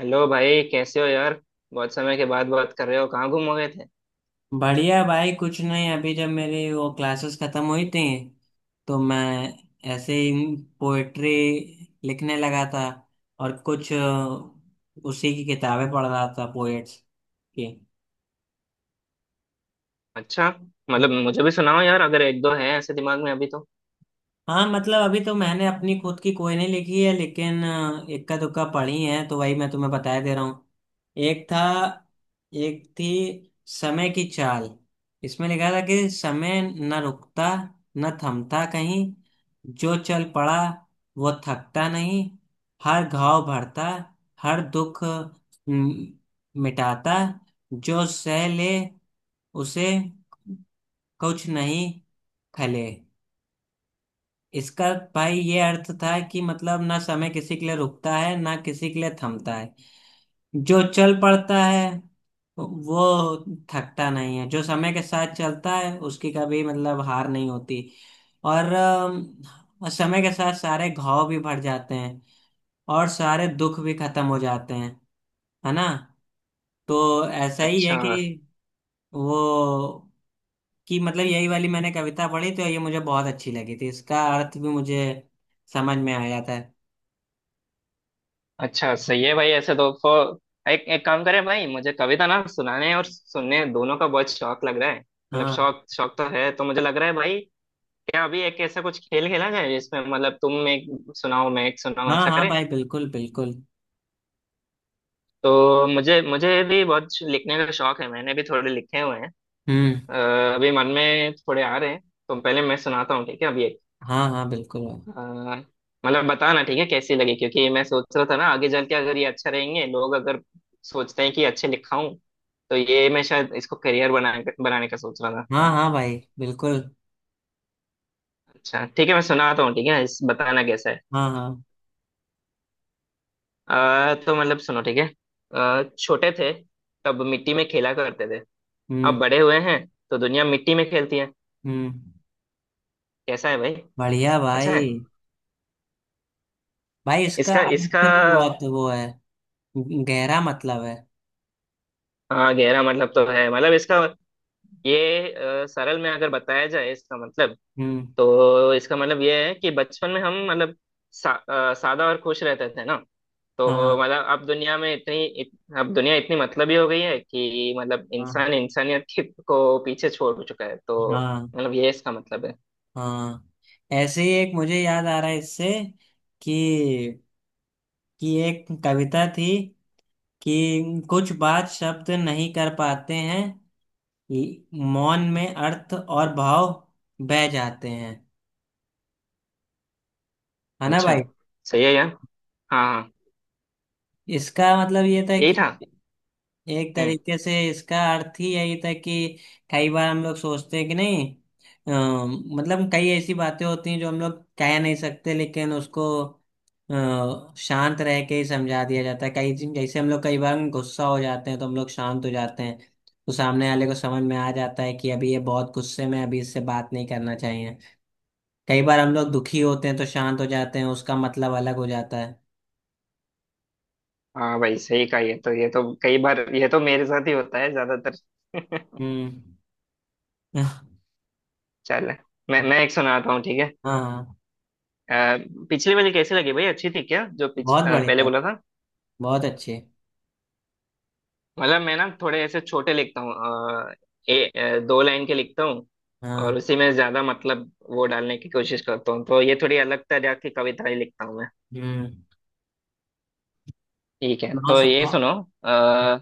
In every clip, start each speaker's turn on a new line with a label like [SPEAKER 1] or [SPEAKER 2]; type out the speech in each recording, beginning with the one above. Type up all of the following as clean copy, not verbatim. [SPEAKER 1] Hello भाई, कैसे हो यार? बहुत समय के बाद बात कर रहे हो, कहाँ गुम हो गए थे?
[SPEAKER 2] बढ़िया भाई। कुछ नहीं, अभी जब मेरी वो क्लासेस खत्म हुई थी तो मैं ऐसे ही पोएट्री लिखने लगा था और कुछ उसी की किताबें पढ़ रहा था पोएट्स की।
[SPEAKER 1] अच्छा, मतलब मुझे भी सुनाओ यार, अगर एक दो हैं ऐसे दिमाग में अभी तो।
[SPEAKER 2] हाँ मतलब अभी तो मैंने अपनी खुद की कोई नहीं लिखी है लेकिन इक्का दुक्का पढ़ी है तो वही मैं तुम्हें बताया दे रहा हूँ। एक था। एक थी समय की चाल। इसमें लिखा था कि समय न रुकता न थमता कहीं। जो चल पड़ा वो थकता नहीं। हर घाव भरता, हर दुख म, मिटाता। जो सह ले उसे कुछ नहीं खले। इसका भाई ये अर्थ था कि मतलब ना समय किसी के लिए रुकता है ना किसी के लिए थमता है। जो चल पड़ता है वो थकता नहीं है। जो समय के साथ चलता है उसकी कभी मतलब हार नहीं होती। और समय के साथ सारे घाव भी भर जाते हैं और सारे दुख भी खत्म हो जाते हैं, है ना? तो ऐसा ही है
[SPEAKER 1] अच्छा।
[SPEAKER 2] कि वो कि मतलब यही वाली मैंने कविता पढ़ी तो ये मुझे बहुत अच्छी लगी थी। इसका अर्थ भी मुझे समझ में आया था।
[SPEAKER 1] अच्छा, सही है भाई। ऐसे तो एक एक काम करें भाई, मुझे कविता ना सुनाने और सुनने दोनों का बहुत शौक लग रहा है। मतलब
[SPEAKER 2] हाँ।
[SPEAKER 1] शौक शौक तो है, तो मुझे लग रहा है भाई, क्या अभी एक ऐसा कुछ खेल खेला जाए जिसमें मतलब तुम एक सुनाओ, मैं एक सुनाऊं,
[SPEAKER 2] हाँ
[SPEAKER 1] ऐसा
[SPEAKER 2] हाँ
[SPEAKER 1] करें।
[SPEAKER 2] भाई, बिल्कुल बिल्कुल।
[SPEAKER 1] तो मुझे मुझे भी बहुत लिखने का शौक है, मैंने भी थोड़े लिखे हुए हैं।
[SPEAKER 2] हम्म।
[SPEAKER 1] अ, अभी मन में थोड़े आ रहे हैं, तो पहले मैं सुनाता हूँ, ठीक है? अभी एक।
[SPEAKER 2] हाँ हाँ बिल्कुल भाई।
[SPEAKER 1] अ, मतलब बताना ठीक है कैसी लगी, क्योंकि मैं सोच रहा था ना, आगे चल के अगर ये अच्छा रहेंगे, लोग अगर सोचते हैं कि अच्छे लिखा हूँ, तो ये मैं शायद इसको करियर बनाने का सोच रहा था।
[SPEAKER 2] हाँ हाँ भाई बिल्कुल।
[SPEAKER 1] अच्छा ठीक है, मैं सुनाता हूँ, ठीक है इस बताना कैसा है।
[SPEAKER 2] हाँ हाँ।
[SPEAKER 1] तो मतलब सुनो ठीक है। छोटे थे तब मिट्टी में खेला करते थे, अब
[SPEAKER 2] हम्म।
[SPEAKER 1] बड़े हुए हैं तो दुनिया मिट्टी में खेलती है।
[SPEAKER 2] हम्म।
[SPEAKER 1] कैसा है भाई?
[SPEAKER 2] बढ़िया
[SPEAKER 1] अच्छा है।
[SPEAKER 2] भाई। भाई इसका
[SPEAKER 1] इसका इसका
[SPEAKER 2] अर्थ भी बहुत वो है। गहरा मतलब है।
[SPEAKER 1] हाँ गहरा मतलब तो है। मतलब इसका ये सरल में अगर बताया जाए इसका मतलब,
[SPEAKER 2] हम्म।
[SPEAKER 1] तो इसका मतलब ये है कि बचपन में हम मतलब सादा और खुश रहते थे ना,
[SPEAKER 2] हाँ।
[SPEAKER 1] तो मतलब अब दुनिया में अब दुनिया इतनी मतलबी हो गई है कि मतलब
[SPEAKER 2] हाँ।
[SPEAKER 1] इंसान इंसानियत की को पीछे छोड़ चुका है, तो
[SPEAKER 2] हाँ।
[SPEAKER 1] मतलब ये इसका मतलब है।
[SPEAKER 2] हाँ। ऐसे ही एक मुझे याद आ रहा है इससे कि कि एक कविता थी कि कुछ बात शब्द नहीं कर पाते हैं, मौन में अर्थ और भाव बह जाते हैं, है ना
[SPEAKER 1] अच्छा,
[SPEAKER 2] भाई?
[SPEAKER 1] सही है यार। हाँ हाँ,
[SPEAKER 2] इसका मतलब ये था
[SPEAKER 1] यही
[SPEAKER 2] कि
[SPEAKER 1] था।
[SPEAKER 2] एक
[SPEAKER 1] हम्म।
[SPEAKER 2] तरीके से इसका अर्थ ही यही था कि कई बार हम लोग सोचते हैं कि नहीं, अ, मतलब कई ऐसी बातें होती हैं जो हम लोग कह नहीं सकते लेकिन उसको शांत रह के ही समझा दिया जाता है। कई जैसे हम लोग कई बार गुस्सा हो जाते हैं तो हम लोग शांत हो जाते हैं, तो सामने वाले को समझ में आ जाता है कि अभी ये बहुत गुस्से में है, अभी इससे बात नहीं करना चाहिए। कई बार हम लोग दुखी होते हैं तो शांत हो जाते हैं, उसका मतलब अलग हो जाता है।
[SPEAKER 1] हाँ भाई, सही कहा, ये तो कई बार ये तो मेरे साथ ही होता है ज्यादातर।
[SPEAKER 2] हम्म।
[SPEAKER 1] चल, मैं एक सुनाता हूँ ठीक है।
[SPEAKER 2] हाँ
[SPEAKER 1] अ, पिछली वाली कैसी लगी भाई, अच्छी थी क्या जो
[SPEAKER 2] बहुत
[SPEAKER 1] पहले
[SPEAKER 2] बढ़िया।
[SPEAKER 1] बोला था?
[SPEAKER 2] बहुत अच्छे।
[SPEAKER 1] मतलब मैं ना थोड़े ऐसे छोटे लिखता हूँ। अ, दो लाइन के लिखता हूँ और
[SPEAKER 2] हाँ।
[SPEAKER 1] उसी में ज्यादा मतलब वो डालने की कोशिश करता हूँ, तो ये थोड़ी अलग तरह की कविता ही लिखता हूँ मैं।
[SPEAKER 2] हम्म।
[SPEAKER 1] ठीक है
[SPEAKER 2] सुनाओ
[SPEAKER 1] तो ये
[SPEAKER 2] सुनाओ।
[SPEAKER 1] सुनो। आ,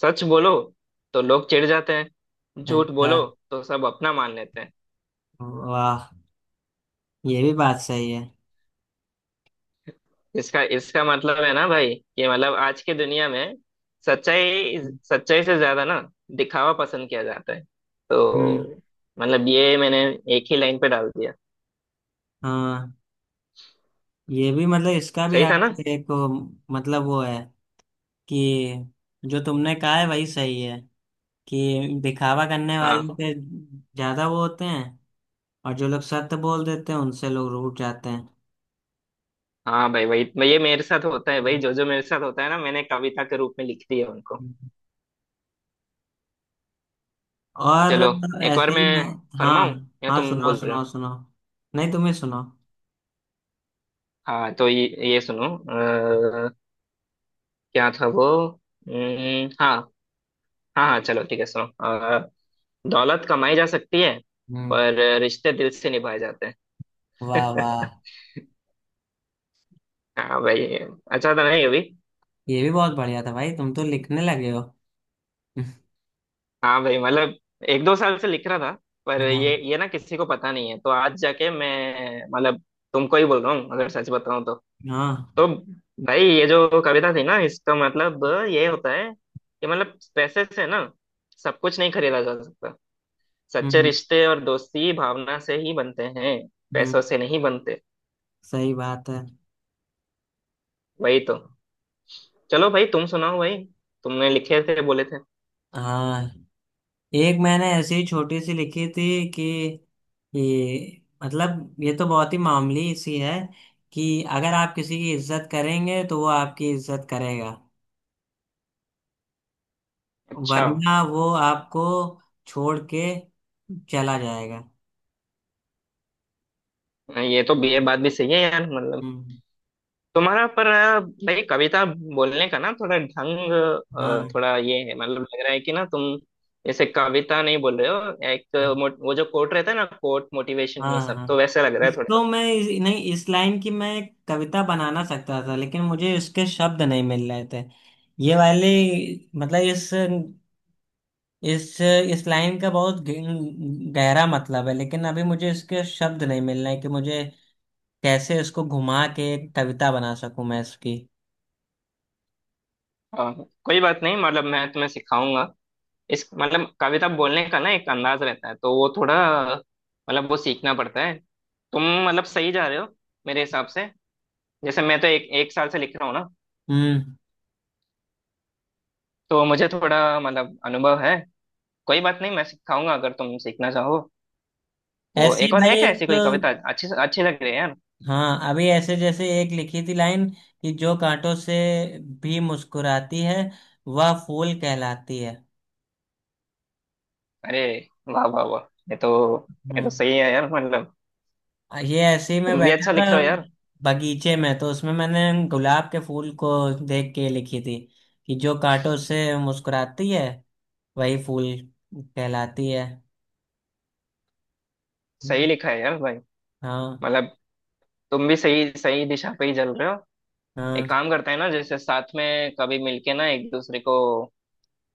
[SPEAKER 1] सच बोलो तो लोग चिढ़ जाते हैं, झूठ
[SPEAKER 2] अच्छा।
[SPEAKER 1] बोलो तो सब अपना मान लेते हैं।
[SPEAKER 2] वाह। ये भी बात सही है।
[SPEAKER 1] इसका इसका मतलब है ना भाई कि मतलब आज की दुनिया में सच्चाई सच्चाई से ज्यादा ना दिखावा पसंद किया जाता है,
[SPEAKER 2] हम्म।
[SPEAKER 1] तो मतलब ये मैंने एक ही लाइन पे डाल दिया।
[SPEAKER 2] हाँ ये भी मतलब इसका भी
[SPEAKER 1] सही था ना?
[SPEAKER 2] अर्थ एक मतलब वो है कि जो तुमने कहा है वही सही है, कि दिखावा करने वाले
[SPEAKER 1] हाँ
[SPEAKER 2] पे ज्यादा वो होते हैं और जो लोग सत्य बोल देते हैं उनसे लोग रूठ जाते हैं।
[SPEAKER 1] हाँ भाई, ये मेरे साथ होता है भाई, जो जो मेरे साथ होता है ना मैंने कविता के रूप में लिख दी है उनको।
[SPEAKER 2] हम्म। और
[SPEAKER 1] चलो, एक बार
[SPEAKER 2] ऐसे ही
[SPEAKER 1] मैं
[SPEAKER 2] मैं। हाँ
[SPEAKER 1] फरमाऊं या
[SPEAKER 2] हाँ
[SPEAKER 1] तुम
[SPEAKER 2] सुनाओ
[SPEAKER 1] बोल रहे
[SPEAKER 2] सुनाओ
[SPEAKER 1] हो?
[SPEAKER 2] सुनाओ। नहीं, तुम्हें सुनाओ।
[SPEAKER 1] हाँ तो ये सुनो। क्या था वो? हाँ, हाँ हाँ चलो ठीक है सुनो। दौलत कमाई जा सकती है,
[SPEAKER 2] हम्म।
[SPEAKER 1] पर रिश्ते दिल से निभाए जाते हैं।
[SPEAKER 2] वाह वाह।
[SPEAKER 1] हाँ भाई, अच्छा था नहीं अभी?
[SPEAKER 2] ये भी बहुत बढ़िया था भाई, तुम तो लिखने लगे हो।
[SPEAKER 1] हाँ भाई मतलब एक दो साल से लिख रहा था, पर
[SPEAKER 2] हाँ
[SPEAKER 1] ये ना किसी को पता नहीं है, तो आज जाके मैं मतलब तुमको ही बोल रहा हूँ अगर सच बताऊँ तो।
[SPEAKER 2] हाँ।
[SPEAKER 1] तो भाई, ये जो कविता थी ना इसका मतलब ये होता है कि मतलब पैसे से ना सब कुछ नहीं खरीदा जा सकता, सच्चे
[SPEAKER 2] हम्म।
[SPEAKER 1] रिश्ते और दोस्ती भावना से ही बनते हैं,
[SPEAKER 2] हम्म।
[SPEAKER 1] पैसों से नहीं बनते।
[SPEAKER 2] सही बात है।
[SPEAKER 1] वही तो। चलो भाई तुम सुनाओ भाई, तुमने लिखे थे बोले थे।
[SPEAKER 2] हाँ एक मैंने ऐसी छोटी सी लिखी थी, कि ये मतलब ये तो बहुत ही मामूली सी है कि अगर आप किसी की इज्जत करेंगे तो वो आपकी इज्जत करेगा,
[SPEAKER 1] अच्छा,
[SPEAKER 2] वरना वो आपको छोड़ के चला जाएगा।
[SPEAKER 1] ये तो ये बात भी सही है यार। मतलब
[SPEAKER 2] हम्म।
[SPEAKER 1] तुम्हारा पर भाई कविता बोलने का ना थोड़ा ढंग,
[SPEAKER 2] हाँ
[SPEAKER 1] थोड़ा ये है मतलब, लग रहा है कि ना तुम जैसे कविता नहीं बोल रहे हो, वो जो कोट रहता है ना, कोट मोटिवेशन ये
[SPEAKER 2] हाँ
[SPEAKER 1] सब तो
[SPEAKER 2] हाँ।
[SPEAKER 1] वैसे लग रहा है थोड़ा।
[SPEAKER 2] इसको मैं नहीं, इस लाइन की मैं एक कविता बनाना सकता था लेकिन मुझे इसके शब्द नहीं मिल रहे थे। ये वाली मतलब इस इस इस लाइन का बहुत गहरा मतलब है लेकिन अभी मुझे इसके शब्द नहीं मिल रहे हैं कि मुझे कैसे इसको घुमा के एक कविता बना सकूं मैं इसकी।
[SPEAKER 1] हाँ, कोई बात नहीं, मतलब मैं तुम्हें सिखाऊंगा। इस मतलब कविता बोलने का ना एक अंदाज रहता है, तो वो थोड़ा मतलब वो सीखना पड़ता है। तुम मतलब सही जा रहे हो मेरे हिसाब से। जैसे मैं तो एक एक साल से लिख रहा हूँ ना,
[SPEAKER 2] हम्म।
[SPEAKER 1] तो मुझे थोड़ा मतलब अनुभव है। कोई बात नहीं, मैं सिखाऊंगा अगर तुम सीखना चाहो। तो
[SPEAKER 2] ऐसे ही
[SPEAKER 1] एक और है
[SPEAKER 2] भाई
[SPEAKER 1] क्या
[SPEAKER 2] एक।
[SPEAKER 1] ऐसी कोई कविता? अच्छी अच्छी लग रही है यार।
[SPEAKER 2] हाँ अभी ऐसे जैसे एक लिखी थी लाइन, कि जो कांटों से भी मुस्कुराती है वह फूल कहलाती है।
[SPEAKER 1] अरे वाह वाह वाह! ये तो ये तो
[SPEAKER 2] हम्म।
[SPEAKER 1] सही है यार, मतलब
[SPEAKER 2] ये ऐसे ही मैं
[SPEAKER 1] तुम भी
[SPEAKER 2] बैठा
[SPEAKER 1] अच्छा
[SPEAKER 2] था
[SPEAKER 1] लिख रहे हो यार।
[SPEAKER 2] बगीचे में तो उसमें मैंने गुलाब के फूल को देख के लिखी थी, कि जो कांटों से मुस्कुराती है वही फूल कहलाती है।
[SPEAKER 1] सही
[SPEAKER 2] हम्म।
[SPEAKER 1] लिखा है यार भाई,
[SPEAKER 2] हाँ।
[SPEAKER 1] मतलब तुम भी सही सही दिशा पे ही चल रहे हो।
[SPEAKER 2] हाँ।
[SPEAKER 1] एक काम करते हैं ना, जैसे साथ में कभी मिलके ना एक दूसरे को,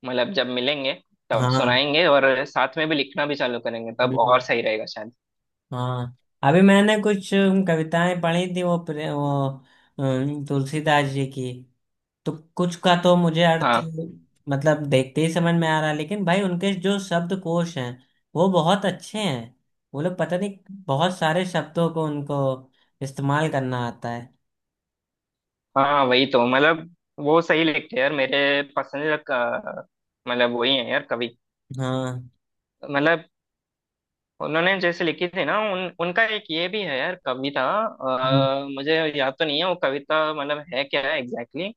[SPEAKER 1] मतलब जब मिलेंगे तब
[SPEAKER 2] हाँ।
[SPEAKER 1] सुनाएंगे और साथ में भी लिखना भी चालू करेंगे, तब और
[SPEAKER 2] हम्म।
[SPEAKER 1] सही रहेगा शायद।
[SPEAKER 2] हाँ अभी मैंने कुछ कविताएं पढ़ी थी, वो तुलसीदास जी की। तो कुछ का तो मुझे अर्थ
[SPEAKER 1] हाँ
[SPEAKER 2] मतलब देखते ही समझ में आ रहा है लेकिन भाई उनके जो शब्दकोश हैं वो बहुत अच्छे हैं। वो लोग पता नहीं बहुत सारे शब्दों को उनको इस्तेमाल करना आता है।
[SPEAKER 1] हाँ वही तो, मतलब वो सही लिखते हैं यार। मतलब वही है यार कवि,
[SPEAKER 2] हाँ।
[SPEAKER 1] मतलब उन्होंने जैसे लिखी थी ना, उन उनका एक ये भी है यार कविता।
[SPEAKER 2] हम्म।
[SPEAKER 1] मुझे याद तो नहीं है वो कविता, मतलब है क्या है एग्जैक्टली exactly।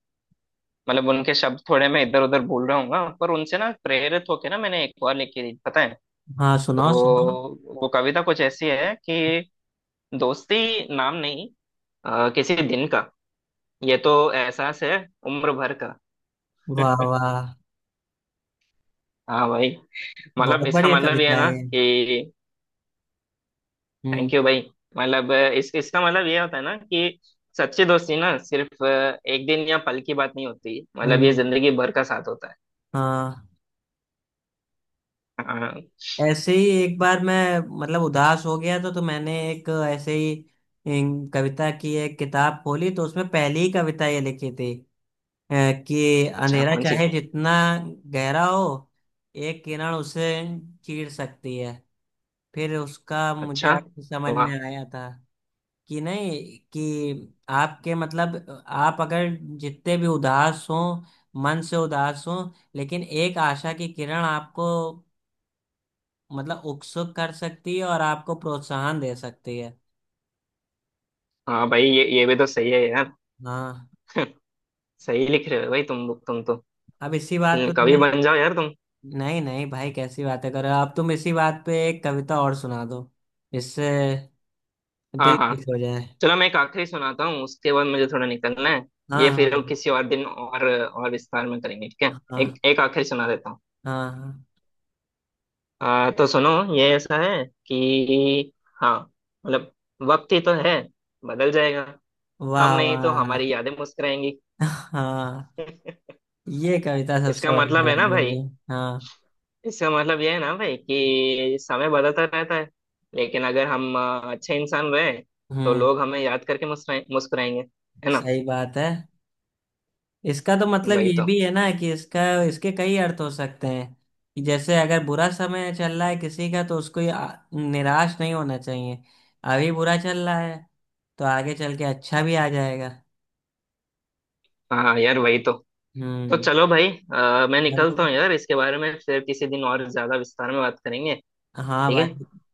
[SPEAKER 1] मतलब उनके शब्द थोड़े मैं इधर उधर भूल रहा हूँ, पर उनसे ना प्रेरित होके ना मैंने एक और लिखी थी, पता है?
[SPEAKER 2] हाँ
[SPEAKER 1] तो
[SPEAKER 2] सुनाओ सुनाओ।
[SPEAKER 1] वो कविता कुछ ऐसी है कि दोस्ती नाम नहीं किसी दिन का, ये तो एहसास है उम्र भर का।
[SPEAKER 2] वाह वाह।
[SPEAKER 1] हाँ भाई, मतलब
[SPEAKER 2] बहुत
[SPEAKER 1] इसका
[SPEAKER 2] बढ़िया
[SPEAKER 1] मतलब ये है
[SPEAKER 2] कविता
[SPEAKER 1] ना
[SPEAKER 2] है ये।
[SPEAKER 1] कि,
[SPEAKER 2] हम्म।
[SPEAKER 1] थैंक यू भाई। मतलब इस इसका मतलब ये होता है ना कि सच्ची दोस्ती ना सिर्फ एक दिन या पल की बात नहीं होती, मतलब ये
[SPEAKER 2] हम्म।
[SPEAKER 1] जिंदगी भर का साथ होता है।
[SPEAKER 2] हाँ।
[SPEAKER 1] हाँ।
[SPEAKER 2] ऐसे ही एक बार मैं मतलब उदास हो गया तो मैंने एक ऐसे ही कविता की एक किताब खोली तो उसमें पहली ही कविता ये लिखी थी। अ, कि
[SPEAKER 1] अच्छा
[SPEAKER 2] अंधेरा
[SPEAKER 1] कौन सी?
[SPEAKER 2] चाहे जितना गहरा हो एक किरण उसे चीर सकती है। फिर उसका मुझे
[SPEAKER 1] अच्छा,
[SPEAKER 2] आपकी समझ में
[SPEAKER 1] वाह।
[SPEAKER 2] आया था कि नहीं, कि आपके मतलब आप अगर जितने भी उदास हो, मन से उदास हो, लेकिन एक आशा की किरण आपको मतलब उत्सुक कर सकती है और आपको प्रोत्साहन दे सकती है।
[SPEAKER 1] हाँ भाई, ये भी तो सही है यार।
[SPEAKER 2] हाँ।
[SPEAKER 1] सही लिख रहे हो भाई, तुम तो,
[SPEAKER 2] अब इसी बात पे
[SPEAKER 1] कवि
[SPEAKER 2] तुम्हें।
[SPEAKER 1] बन जाओ यार तुम।
[SPEAKER 2] नहीं नहीं भाई कैसी बातें कर रहे हो, अब तुम इसी बात पे एक कविता और सुना दो, इससे दिल
[SPEAKER 1] हाँ हाँ,
[SPEAKER 2] खुश हो जाए।
[SPEAKER 1] चलो मैं एक आखिरी सुनाता हूँ, उसके बाद मुझे थोड़ा निकलना है। ये
[SPEAKER 2] हाँ हाँ
[SPEAKER 1] फिर
[SPEAKER 2] भाई।
[SPEAKER 1] किसी और दिन और विस्तार में करेंगे, ठीक है?
[SPEAKER 2] हाँ।
[SPEAKER 1] एक एक आखिरी सुना देता हूँ।
[SPEAKER 2] हाँ।
[SPEAKER 1] तो सुनो, ये ऐसा है कि, हाँ, मतलब वक्त ही तो है, बदल जाएगा। हम
[SPEAKER 2] वाह
[SPEAKER 1] नहीं तो
[SPEAKER 2] वाह।
[SPEAKER 1] हमारी यादें मुस्कुराएंगी।
[SPEAKER 2] हाँ। ये कविता सबसे
[SPEAKER 1] इसका
[SPEAKER 2] बढ़िया
[SPEAKER 1] मतलब है ना
[SPEAKER 2] लगी
[SPEAKER 1] भाई,
[SPEAKER 2] मुझे। हाँ।
[SPEAKER 1] इसका मतलब ये है ना भाई कि समय बदलता रहता है, लेकिन अगर हम अच्छे इंसान रहे तो
[SPEAKER 2] हम्म।
[SPEAKER 1] लोग हमें याद करके मुस्कुराएंगे, है ना?
[SPEAKER 2] सही बात है। इसका तो मतलब
[SPEAKER 1] वही
[SPEAKER 2] ये
[SPEAKER 1] तो।
[SPEAKER 2] भी है ना, कि इसका इसके कई अर्थ हो सकते हैं, कि जैसे अगर बुरा समय चल रहा है किसी का तो उसको ये निराश नहीं होना चाहिए। अभी बुरा चल रहा है तो आगे चल के अच्छा भी आ जाएगा।
[SPEAKER 1] हाँ यार वही तो। तो
[SPEAKER 2] हम्म।
[SPEAKER 1] चलो भाई, मैं
[SPEAKER 2] चलो।
[SPEAKER 1] निकलता हूँ यार, इसके बारे में फिर किसी दिन और ज्यादा विस्तार में बात करेंगे,
[SPEAKER 2] हाँ
[SPEAKER 1] ठीक
[SPEAKER 2] भाई।
[SPEAKER 1] है?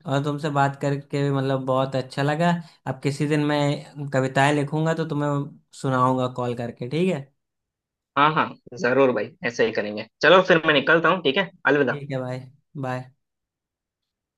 [SPEAKER 2] और तुमसे बात करके भी मतलब बहुत अच्छा लगा। अब किसी दिन मैं कविताएं लिखूंगा तो तुम्हें सुनाऊंगा कॉल करके, ठीक है?
[SPEAKER 1] हाँ हाँ, जरूर भाई, ऐसे ही करेंगे। चलो फिर मैं निकलता हूँ, ठीक है, अलविदा।
[SPEAKER 2] ठीक है भाई। बाय।